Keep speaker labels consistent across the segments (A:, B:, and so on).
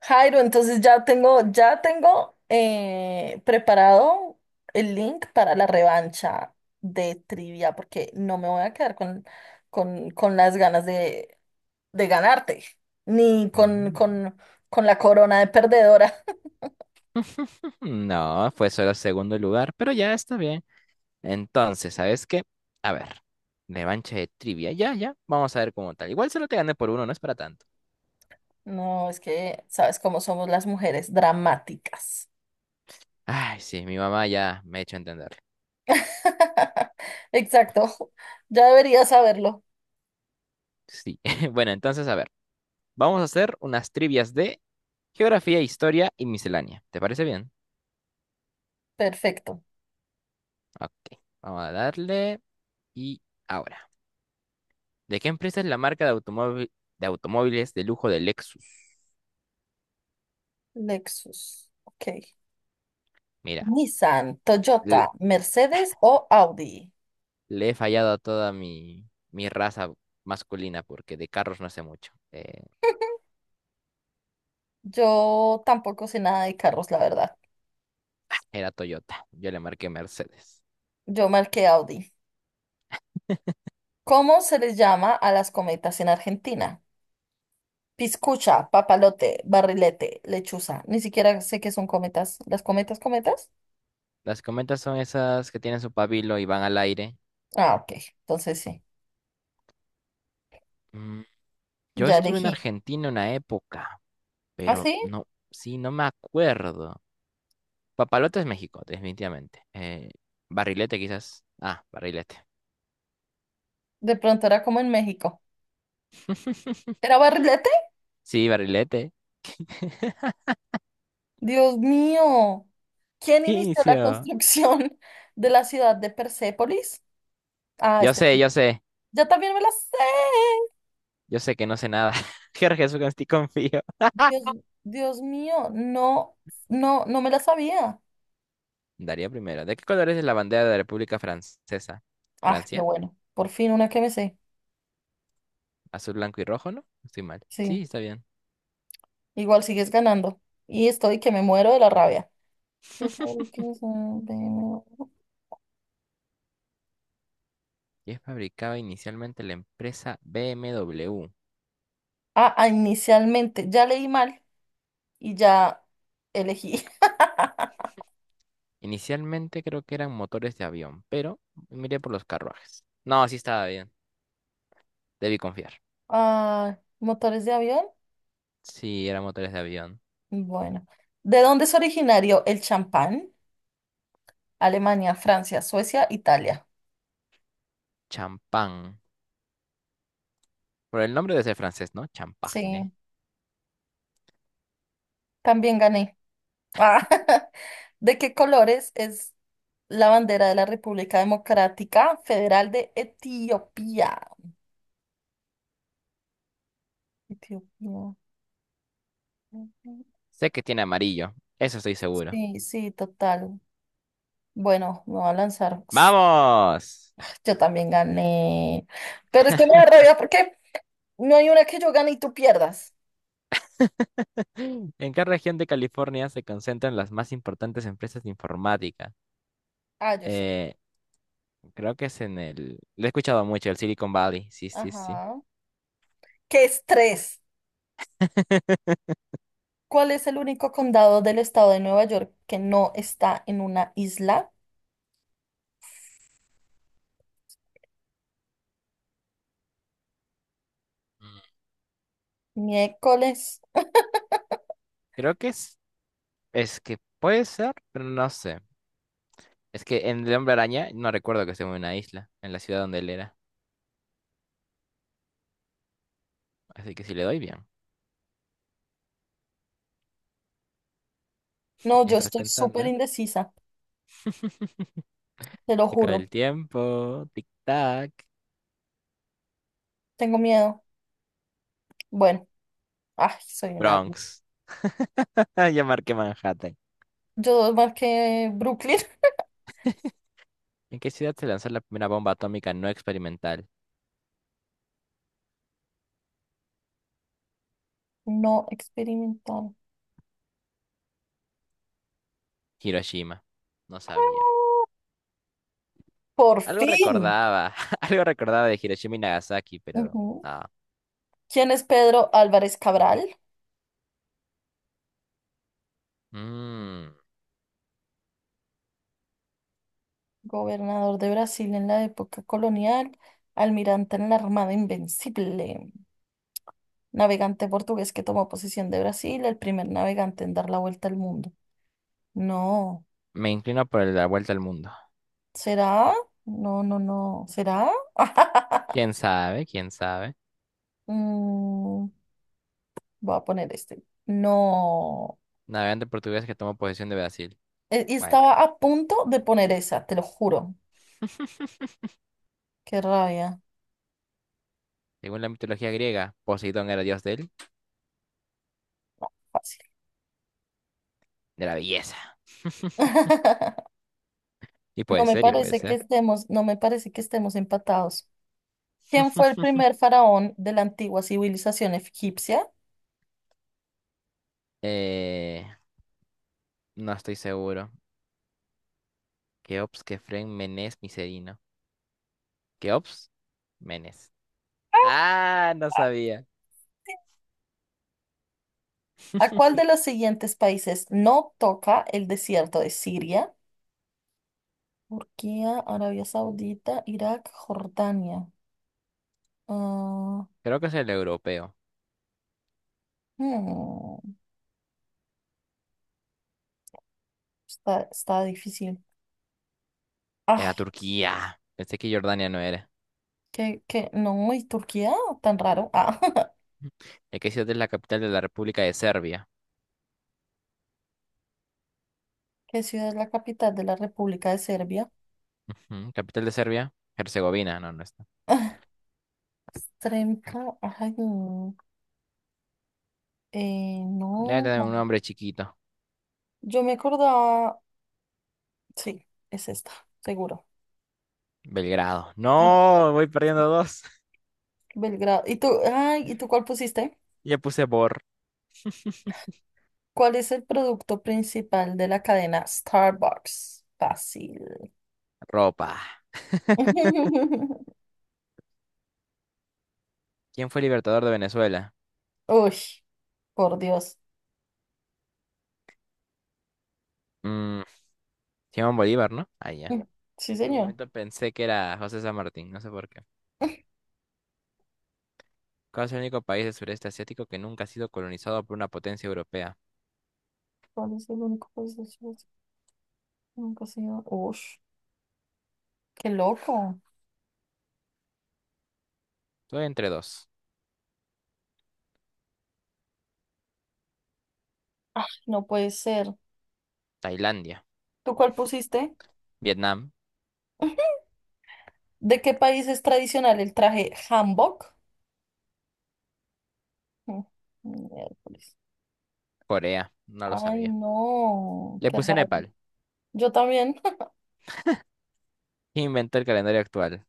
A: Jairo, entonces ya tengo preparado el link para la revancha de trivia, porque no me voy a quedar con las ganas de ganarte, ni
B: Mm,
A: con la corona de perdedora.
B: no, fue solo segundo lugar, pero ya está bien. Entonces, ¿sabes qué? A ver, revancha de trivia. Ya, ya, vamos a ver cómo tal. Igual solo te gané por uno, no es para tanto.
A: No, es que sabes cómo somos las mujeres, dramáticas.
B: Ay, sí, mi mamá ya me ha hecho entender.
A: Exacto, ya debería saberlo.
B: Sí. Bueno, entonces, a ver, vamos a hacer unas trivias de geografía, historia y miscelánea. ¿Te parece bien?
A: Perfecto.
B: Ok, vamos a darle. Y ahora, ¿de qué empresa es la marca de automóviles de lujo de Lexus?
A: Lexus. Ok.
B: Mira,
A: Nissan, Toyota,
B: le,
A: Mercedes o Audi.
B: le he fallado a toda mi raza masculina porque de carros no sé mucho.
A: Yo tampoco sé nada de carros, la verdad.
B: Era Toyota, yo le marqué Mercedes.
A: Yo marqué Audi. ¿Cómo se les llama a las cometas en Argentina? Piscucha, papalote, barrilete, lechuza. Ni siquiera sé qué son cometas. ¿Las cometas, cometas?
B: Las cometas son esas que tienen su pabilo y van al aire.
A: Ah, ok. Entonces sí.
B: Mm, yo
A: Ya
B: estuve en
A: elegí.
B: Argentina una época.
A: ¿Ah,
B: Pero
A: sí?
B: no, sí, no me acuerdo. Papalote es México, definitivamente. Barrilete quizás. Ah, barrilete.
A: De pronto era como en México. ¿Era barrilete?
B: Sí, barrilete.
A: Dios mío. ¿Quién inició la
B: Inicio.
A: construcción de la ciudad de Persépolis? Ah,
B: Yo
A: este.
B: sé, yo sé.
A: Yo también me la sé.
B: Yo sé que no sé nada. Jorge, Jesús, en ti confío.
A: Dios, Dios mío, no me la sabía.
B: Daría primero. ¿De qué colores es la bandera de la República Francesa?
A: Ah, qué
B: ¿Francia?
A: bueno. Por fin una que me sé.
B: Azul, blanco y rojo, ¿no? Estoy mal.
A: Sí,
B: Sí, está bien.
A: igual sigues ganando. Y estoy que me muero de la rabia. ¿Qué fue que hizo el primero?
B: Y es fabricada inicialmente la empresa BMW.
A: Ah, ah, inicialmente. Ya leí mal y ya elegí.
B: Inicialmente creo que eran motores de avión, pero miré por los carruajes. No, sí estaba bien. Debí confiar.
A: Ah, motores de avión.
B: Sí, eran motores de avión.
A: Bueno. ¿De dónde es originario el champán? Alemania, Francia, Suecia, Italia.
B: Champán. Por el nombre debe ser francés, ¿no?
A: Sí,
B: Champagne.
A: también gané. Ah, ¿de qué colores es la bandera de la República Democrática Federal de Etiopía? Etiopía. Ujú.
B: Sé que tiene amarillo. Eso estoy seguro.
A: Sí, sí, total. Bueno, me va a lanzar. Ps,
B: ¡Vamos!
A: yo también gané. Pero es que me da rabia porque no hay una que yo gane y tú pierdas.
B: ¿En qué región de California se concentran las más importantes empresas de informática?
A: Ah, yo sé.
B: Eh, Creo que es en el... lo he escuchado mucho, el Silicon Valley. Sí, sí, sí.
A: Ajá. ¿Qué estrés? ¿Cuál es el único condado del estado de Nueva York que no está en una isla?
B: Mm,
A: Miércoles.
B: creo que es... es que puede ser, pero no sé. Es que en El Hombre Araña no recuerdo que esté en una isla, en la ciudad donde él era. Así que si le doy bien.
A: No, yo
B: ¿Estás
A: estoy
B: pensando?
A: súper indecisa. Te lo
B: Se acaba
A: juro,
B: el tiempo. Tic-tac.
A: tengo miedo. Bueno, ay, soy un árbol.
B: Bronx. Ya marqué Manhattan.
A: Yo más que Brooklyn.
B: ¿En qué ciudad se lanzó la primera bomba atómica no experimental?
A: No experimentaron.
B: Hiroshima. No sabía.
A: Por
B: Algo
A: fin.
B: recordaba. Algo recordaba de Hiroshima y Nagasaki, pero.
A: Ujú.
B: Ah.
A: ¿Quién es Pedro Álvarez Cabral?
B: Mm,
A: Gobernador de Brasil en la época colonial, almirante en la Armada Invencible, navegante portugués que tomó posesión de Brasil, el primer navegante en dar la vuelta al mundo. No,
B: me inclino por la vuelta al mundo.
A: ¿será? No, no, no, ¿será?
B: ¿Quién sabe? ¿Quién sabe?
A: Mm, voy a poner este. No.
B: Navegante portugués que tomó posesión de Brasil.
A: Y
B: Bueno.
A: estaba a punto de poner esa, te lo juro. Qué rabia.
B: Según la mitología griega, Poseidón era dios del
A: Fácil.
B: de la belleza. Y
A: No
B: puede
A: me
B: ser, y puede
A: parece que
B: ser.
A: estemos, no me parece que estemos empatados. ¿Quién fue el primer faraón de la antigua civilización egipcia?
B: Eh, No estoy seguro. Keops, Kefren, Menes, Micerino. Keops, Menes. Ah, no sabía.
A: ¿A cuál de los siguientes países no toca el desierto de Siria? Turquía, Arabia Saudita, Irak, Jordania. Ah,
B: Creo que es el europeo.
A: hmm, está difícil.
B: Era
A: Ay,
B: Turquía. Pensé que Jordania no era.
A: que no, ¿y Turquía? Tan raro. Ah.
B: ¿De qué ciudad es la capital de la República de Serbia?
A: ¿Qué ciudad es la capital de la República de Serbia?
B: Ujú, ¿capital de Serbia? Herzegovina. No, no está.
A: Sremka, ay, no,
B: Debe tener un
A: no.
B: nombre chiquito.
A: Yo me acordaba, sí, es esta, seguro.
B: Belgrado.
A: Ah,
B: No, voy perdiendo dos.
A: Belgrado. ¿Y tú cuál pusiste?
B: Ya puse Bor.
A: ¿Cuál es el producto principal de la cadena Starbucks? Fácil.
B: Ropa. ¿Quién fue el libertador de Venezuela?
A: Uy, por Dios.
B: Mm, Simón Bolívar, ¿no? Ah, ya.
A: Sí,
B: Por un
A: señor.
B: momento pensé que era José San Martín. No sé por qué. ¿Cuál es el único país del sureste asiático que nunca ha sido colonizado por una potencia europea?
A: ¿Cuál es el único país de Chile que nunca se iba? Ush, qué loco.
B: Estoy entre dos.
A: Ay, no puede ser.
B: Tailandia,
A: ¿Tú cuál pusiste?
B: Vietnam,
A: ¿De qué país es tradicional el traje hanbok? Mm, miércoles.
B: Corea. No lo
A: Ay,
B: sabía.
A: no,
B: Le
A: qué
B: puse
A: raro.
B: Nepal.
A: Yo también.
B: ¿Quién inventó el calendario actual?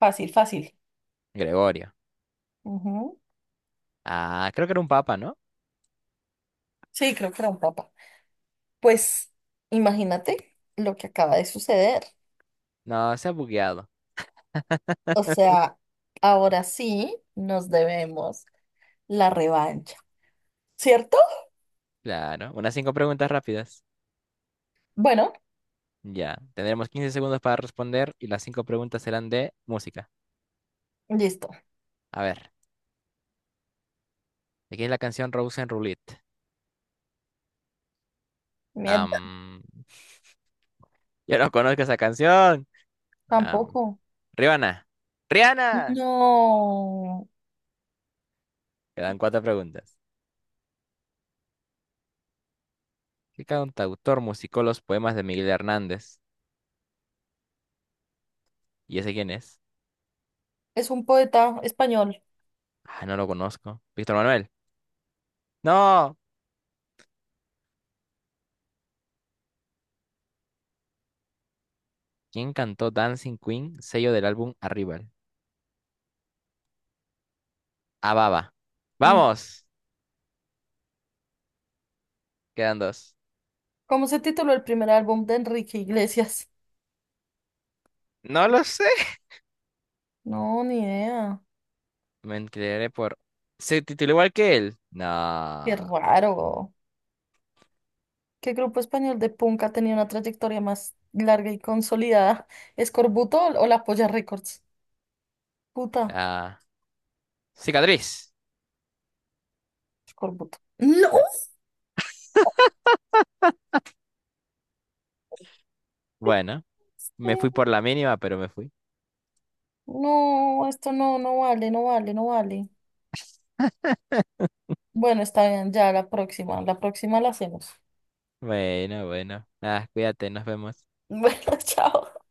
A: Fácil, fácil.
B: Gregorio.
A: Ujú.
B: Ah, creo que era un papa, ¿no?
A: Sí, creo que era un papa. Pues imagínate lo que acaba de suceder.
B: No, se ha bugueado.
A: O sea, ahora sí nos debemos la revancha, ¿cierto?
B: Claro. Unas 5 preguntas rápidas.
A: Bueno,
B: Ya. Tendremos 15 segundos para responder y las 5 preguntas serán de música.
A: listo.
B: A ver. Aquí es la canción Rose and Roulette.
A: Mierda,
B: Am, yo no conozco esa canción. Am,
A: tampoco.
B: Rihanna. ¡Rihanna!
A: No,
B: Quedan 4 preguntas. ¿Qué cantautor musicó los poemas de Miguel Hernández? ¿Y ese quién es?
A: es un poeta español.
B: Ah, no lo conozco. Víctor Manuel. ¡No! ¿Quién cantó Dancing Queen, sello del álbum Arrival? Ababa.
A: Mm.
B: ¡Vamos! Quedan dos.
A: ¿Cómo se tituló el primer álbum de Enrique Iglesias?
B: No lo sé.
A: No, ni idea.
B: Me enteré por... ¿Se tituló igual que él? No.
A: Qué
B: Ah.
A: raro. ¿Qué grupo español de punk ha tenido una trayectoria más larga y consolidada? ¿Escorbuto o la Polla Records? Puta,
B: Cicatriz.
A: Escorbuto. ¡No!
B: Bueno, me fui
A: Sí.
B: por la mínima, pero me fui.
A: No, esto no, no vale. Bueno, está bien, ya la próxima, la próxima la hacemos.
B: Bueno, bueno. Ah, cuídate, nos vemos.
A: Bueno, chao.